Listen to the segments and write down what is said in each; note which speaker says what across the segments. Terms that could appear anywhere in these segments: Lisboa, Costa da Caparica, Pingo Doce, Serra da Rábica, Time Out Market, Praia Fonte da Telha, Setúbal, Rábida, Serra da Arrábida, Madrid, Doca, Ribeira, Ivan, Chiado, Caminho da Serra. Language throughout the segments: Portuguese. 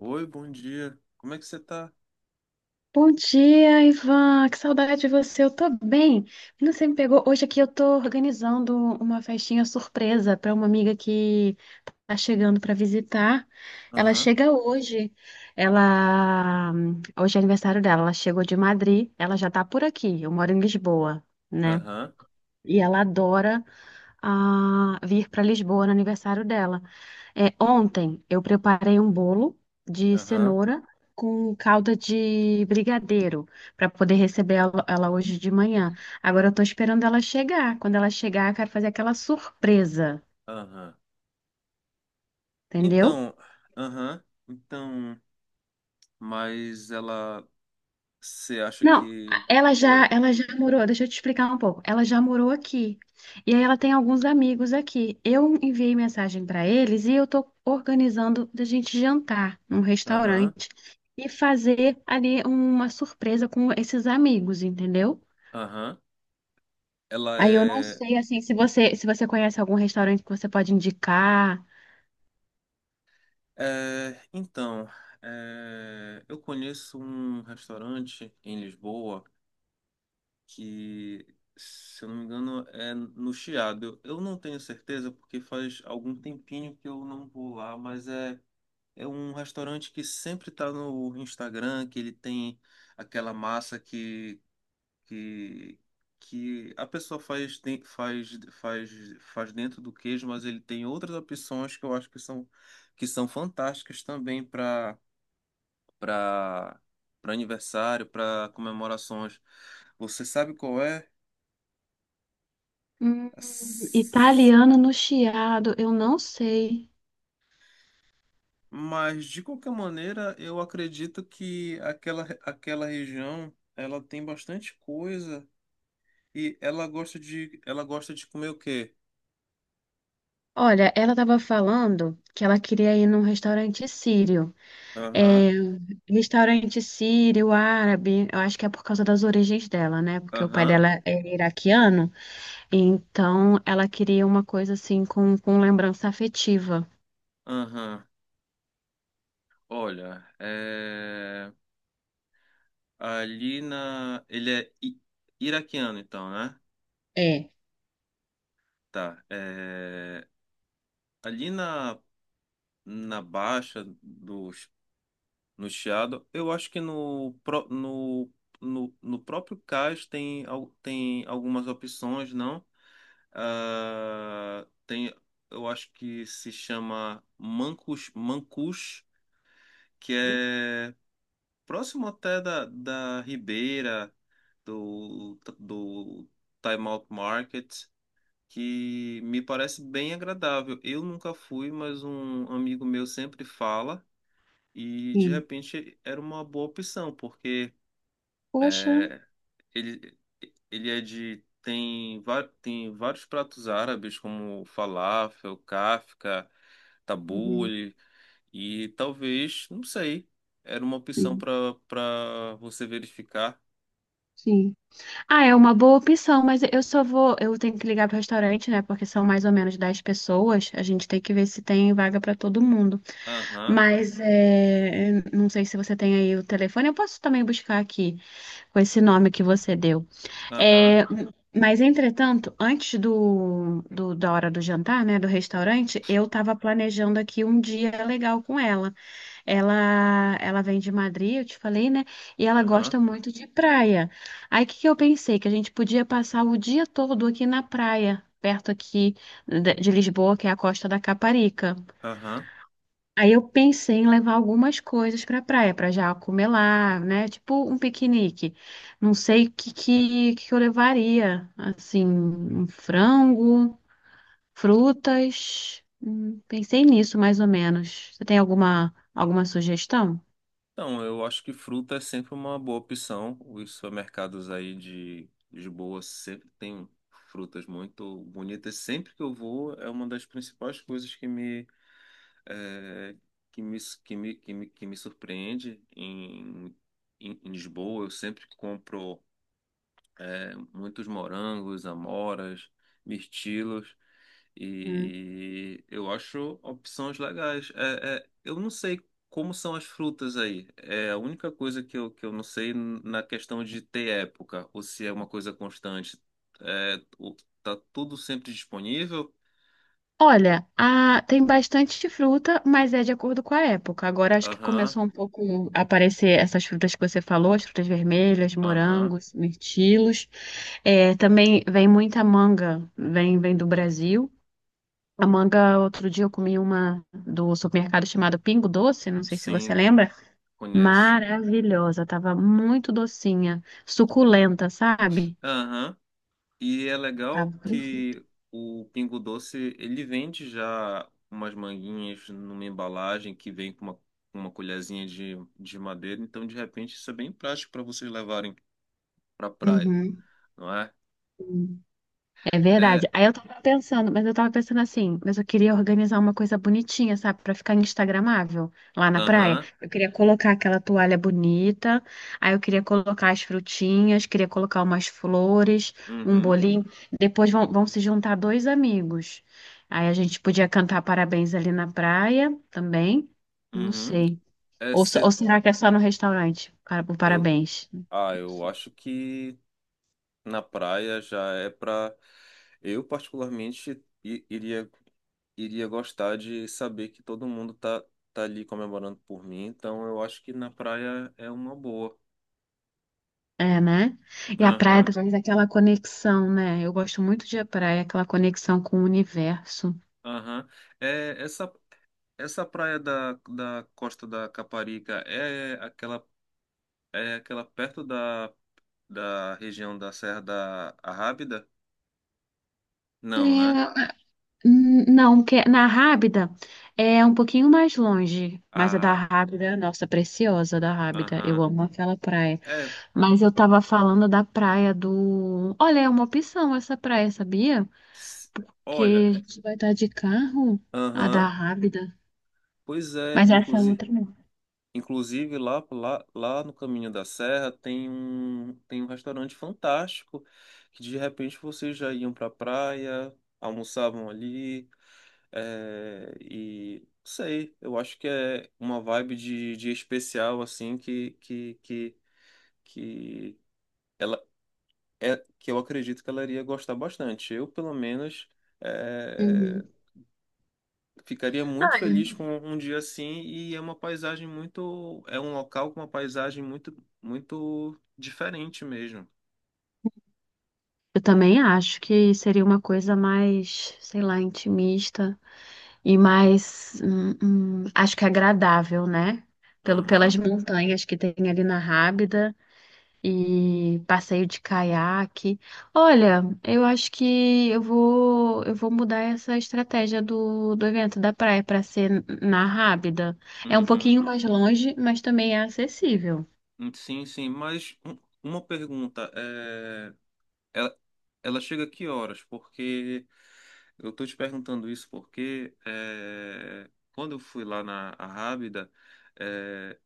Speaker 1: Oi, bom dia. Como é que você tá?
Speaker 2: Bom dia, Ivan. Que saudade de você. Eu tô bem. Você me pegou hoje aqui. Eu tô organizando uma festinha surpresa para uma amiga que tá chegando para visitar. Ela
Speaker 1: Aham,
Speaker 2: chega hoje. Ela Hoje é aniversário dela. Ela chegou de Madrid. Ela já tá por aqui. Eu moro em Lisboa, né?
Speaker 1: aham,
Speaker 2: E ela adora vir para Lisboa no aniversário dela. É, ontem eu preparei um bolo de
Speaker 1: aham,
Speaker 2: cenoura com calda de brigadeiro para poder receber ela hoje de manhã. Agora eu tô esperando ela chegar. Quando ela chegar, eu quero fazer aquela surpresa,
Speaker 1: aham.
Speaker 2: entendeu?
Speaker 1: Então, aham, então, mas ela, você acha
Speaker 2: Não,
Speaker 1: que.
Speaker 2: ela já,
Speaker 1: Oi,
Speaker 2: ela já morou, deixa eu te explicar um pouco. Ela já morou aqui. E aí ela tem alguns amigos aqui. Eu enviei mensagem para eles e eu tô organizando da gente jantar num
Speaker 1: aham,
Speaker 2: restaurante e fazer ali uma surpresa com esses amigos, entendeu?
Speaker 1: aham. Ela
Speaker 2: Aí eu não
Speaker 1: é.
Speaker 2: sei assim se você conhece algum restaurante que você pode indicar.
Speaker 1: É, então, é, eu conheço um restaurante em Lisboa que, se eu não me engano, é no Chiado. Eu não tenho certeza porque faz algum tempinho que eu não vou lá, mas é. É um restaurante que sempre tá no Instagram, que ele tem aquela massa que, que a pessoa faz, faz, dentro do queijo, mas ele tem outras opções que eu acho que são fantásticas também para para aniversário, para comemorações. Você sabe qual é?
Speaker 2: Hum,
Speaker 1: As-
Speaker 2: Italiano no Chiado, eu não sei.
Speaker 1: Mas de qualquer maneira, eu acredito que aquela região ela tem bastante coisa. E ela gosta de comer o quê?
Speaker 2: Olha, ela estava falando que ela queria ir num restaurante sírio.
Speaker 1: Aham,
Speaker 2: É, restaurante sírio, árabe, eu acho que é por causa das origens dela, né? Porque o pai
Speaker 1: aham,
Speaker 2: dela é iraquiano, então ela queria uma coisa assim com lembrança afetiva.
Speaker 1: aham. Olha, ali na, iraquiano então, né?
Speaker 2: É,
Speaker 1: Tá. Ali na baixa do no Chiado, eu acho que no próprio cais tem algumas opções, não? Ah, tem, eu acho que se chama mancus, mancus, que é próximo até da Ribeira, do Time Out Market, que me parece bem agradável. Eu nunca fui, mas um amigo meu sempre fala, e de
Speaker 2: sim.
Speaker 1: repente era uma boa opção, porque
Speaker 2: Poxa.
Speaker 1: é, ele, ele é de. Tem vários pratos árabes, como falafel, kafta,
Speaker 2: Uhum,
Speaker 1: tabule. E talvez, não sei, era uma opção
Speaker 2: sim,
Speaker 1: para você verificar.
Speaker 2: sim. Ah, é uma boa opção, mas eu só vou. Eu tenho que ligar pro restaurante, né? Porque são mais ou menos 10 pessoas. A gente tem que ver se tem vaga para todo mundo.
Speaker 1: Aham,
Speaker 2: Mas é, não sei se você tem aí o telefone. Eu posso também buscar aqui com esse nome que você deu.
Speaker 1: aham,
Speaker 2: É, mas, entretanto, antes da hora do jantar, né, do restaurante, eu estava planejando aqui um dia legal com ela. Ela vem de Madrid, eu te falei, né? E ela
Speaker 1: aham,
Speaker 2: gosta muito de praia. Aí, o que que eu pensei? Que a gente podia passar o dia todo aqui na praia, perto aqui de Lisboa, que é a Costa da Caparica.
Speaker 1: aham.
Speaker 2: Aí eu pensei em levar algumas coisas para praia, para já comer lá, né? Tipo um piquenique. Não sei o que eu levaria. Assim, um frango, frutas. Pensei nisso mais ou menos. Você tem alguma sugestão?
Speaker 1: Então, eu acho que fruta é sempre uma boa opção. Os supermercados aí de Lisboa sempre tem frutas muito bonitas. Sempre que eu vou, é uma das principais coisas que me, eh, que me, que me, que me, que me surpreende em Lisboa. Eu sempre compro. É, muitos morangos, amoras, mirtilos. E eu acho opções legais. É, eu não sei como são as frutas aí. É a única coisa que eu não sei na questão de ter época, ou se é uma coisa constante. É, o- tá tudo sempre disponível?
Speaker 2: Olha, tem bastante fruta, mas é de acordo com a época. Agora acho que
Speaker 1: Aham,
Speaker 2: começou um pouco a aparecer essas frutas que você falou, as frutas vermelhas,
Speaker 1: aham,
Speaker 2: morangos, mirtilos. É, também vem muita manga, vem do Brasil. A manga, outro dia eu comi uma do supermercado chamado Pingo Doce, não sei se você
Speaker 1: sim,
Speaker 2: lembra.
Speaker 1: conheço.
Speaker 2: Maravilhosa, tava muito docinha, suculenta, sabe?
Speaker 1: Aham. E é
Speaker 2: Tava
Speaker 1: legal
Speaker 2: perfeito.
Speaker 1: que o Pingo Doce, ele vende já umas manguinhas numa embalagem que vem com uma colherzinha de madeira, então de repente isso é bem prático para vocês levarem para praia,
Speaker 2: Uhum.
Speaker 1: não é?
Speaker 2: É verdade.
Speaker 1: É,
Speaker 2: Aí eu tava pensando, mas eu tava pensando assim, mas eu queria organizar uma coisa bonitinha, sabe, pra ficar instagramável lá na praia.
Speaker 1: aham,
Speaker 2: Eu queria colocar aquela toalha bonita, aí eu queria colocar as frutinhas, queria colocar umas flores, um
Speaker 1: uhum,
Speaker 2: bolinho. Depois vão se juntar dois amigos. Aí a gente podia cantar parabéns ali na praia também. Não
Speaker 1: uhum.
Speaker 2: sei.
Speaker 1: É,
Speaker 2: Ou, ou
Speaker 1: cê-
Speaker 2: será que é só no restaurante? Para, o
Speaker 1: eu,
Speaker 2: parabéns.
Speaker 1: eu acho que na praia já é para eu particularmente iria gostar de saber que todo mundo tá ali comemorando por mim, então eu acho que na praia é uma boa.
Speaker 2: É, né? E a praia
Speaker 1: Aham,
Speaker 2: traz aquela conexão, né? Eu gosto muito de praia, aquela conexão com o universo.
Speaker 1: aham. É, essa praia da Costa da Caparica é aquela perto da região da Serra da Arrábida? Não, né?
Speaker 2: É, não, porque na Rábida é um pouquinho mais longe, mas a da
Speaker 1: Ah,
Speaker 2: Rábida, nossa, preciosa da Rábida, eu
Speaker 1: aham.
Speaker 2: amo aquela praia.
Speaker 1: É,
Speaker 2: Mas eu tava falando da praia do. Olha, é uma opção essa praia, sabia?
Speaker 1: ps-
Speaker 2: Porque
Speaker 1: Olha,
Speaker 2: a gente vai estar de carro, a
Speaker 1: aham.
Speaker 2: da Rábida,
Speaker 1: Pois é,
Speaker 2: mas essa é
Speaker 1: inclusive.
Speaker 2: outra não.
Speaker 1: Inclusive, lá no Caminho da Serra tem um restaurante fantástico que de repente vocês já iam para a praia, almoçavam ali, é, e não sei, eu acho que é uma vibe de especial assim que ela é que eu acredito que ela iria gostar bastante. Eu, pelo menos, eh,
Speaker 2: Uhum.
Speaker 1: ficaria
Speaker 2: Ah,
Speaker 1: muito feliz com um dia assim e é uma paisagem muito, é um local com uma paisagem muito, muito diferente mesmo.
Speaker 2: eu também acho que seria uma coisa mais, sei lá, intimista e mais, acho que agradável, né? Pelo, pelas
Speaker 1: Aham,
Speaker 2: montanhas que tem ali na Rábida e passeio de caiaque. Olha, eu acho que eu vou mudar essa estratégia do evento da praia para ser na Rábida. É um
Speaker 1: uhum.
Speaker 2: pouquinho mais longe, mas também é acessível.
Speaker 1: Sim, mas uma pergunta, é, ela, ela chega a que horas? Porque eu tô te perguntando isso porque é, quando eu fui lá na Arrábida, é,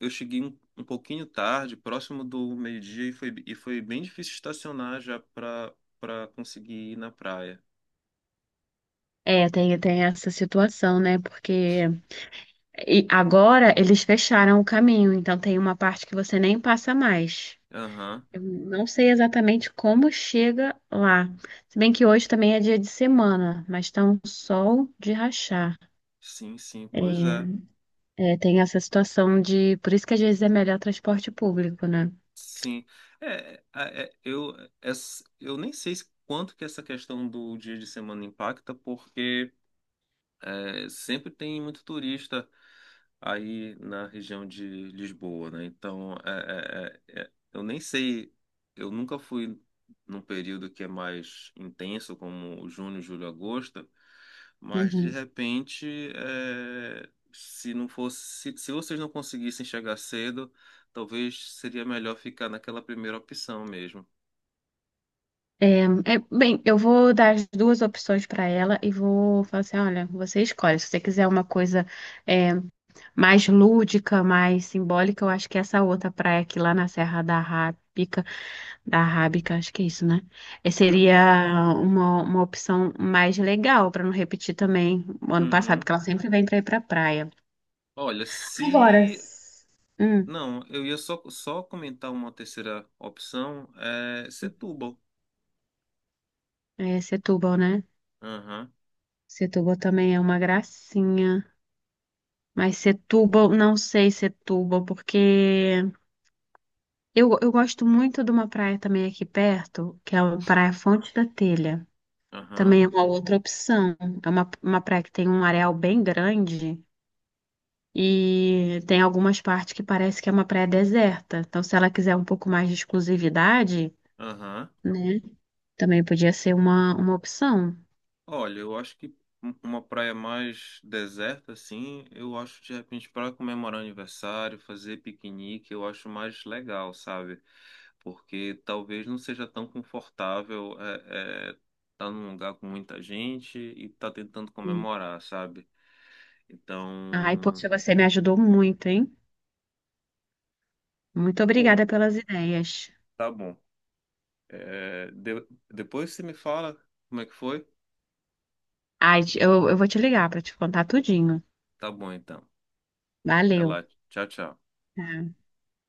Speaker 1: eu cheguei um pouquinho tarde, próximo do meio-dia, e foi bem difícil estacionar já para conseguir ir na praia.
Speaker 2: É, tem, tem essa situação, né? Porque e agora eles fecharam o caminho, então tem uma parte que você nem passa mais.
Speaker 1: Aham.
Speaker 2: Eu não sei exatamente como chega lá. Se bem que hoje também é dia de semana, mas tá um sol de rachar.
Speaker 1: Sim, pois é.
Speaker 2: É, é, tem essa situação de. Por isso que às vezes é melhor transporte público, né?
Speaker 1: Sim. Eu, eu nem sei quanto que essa questão do dia de semana impacta, porque. É, sempre tem muito turista aí na região de Lisboa, né? Então, é, eu nem sei, eu nunca fui num período que é mais intenso, como junho, julho, agosto, mas de
Speaker 2: Uhum.
Speaker 1: repente, é, se não fosse, se vocês não conseguissem chegar cedo, talvez seria melhor ficar naquela primeira opção mesmo,
Speaker 2: É, é, bem, eu vou dar as duas opções para ela e vou falar assim: olha, você escolhe. Se você quiser uma coisa é, mais lúdica, mais simbólica, eu acho que essa outra praia aqui lá na Serra da Rábica, acho que é isso, né? Eh,
Speaker 1: sabe?
Speaker 2: seria uma opção mais legal para não repetir também o ano passado,
Speaker 1: Uhum.
Speaker 2: porque ela sempre vem para ir para praia.
Speaker 1: Olha,
Speaker 2: Agora,
Speaker 1: se.
Speaker 2: Hum,
Speaker 1: Não, eu ia só comentar uma terceira opção, é Setúbal.
Speaker 2: é Setúbal, né?
Speaker 1: Aham,
Speaker 2: Setúbal também é uma gracinha. Mas Setúbal, não sei Setúbal, porque eu gosto muito de uma praia também aqui perto, que é a Praia Fonte da Telha.
Speaker 1: aham,
Speaker 2: Também é uma outra opção. É uma praia que tem um areal bem grande e tem algumas partes que parece que é uma praia deserta. Então, se ela quiser um pouco mais de exclusividade,
Speaker 1: aham.
Speaker 2: né, também podia ser uma opção.
Speaker 1: Olha, eu acho que uma praia mais deserta, assim, eu acho de repente para comemorar aniversário, fazer piquenique, eu acho mais legal, sabe? Porque talvez não seja tão confortável é, tá num lugar com muita gente e tá tentando
Speaker 2: Sim.
Speaker 1: comemorar, sabe?
Speaker 2: Ai,
Speaker 1: Então,
Speaker 2: poxa, você me ajudou muito, hein? Muito
Speaker 1: pô,
Speaker 2: obrigada pelas ideias.
Speaker 1: tá bom. É, depois você me fala como é que foi.
Speaker 2: Ai, eu vou te ligar para te contar tudinho.
Speaker 1: Tá bom, então. Até
Speaker 2: Valeu.
Speaker 1: lá. Tchau, tchau.
Speaker 2: Tá.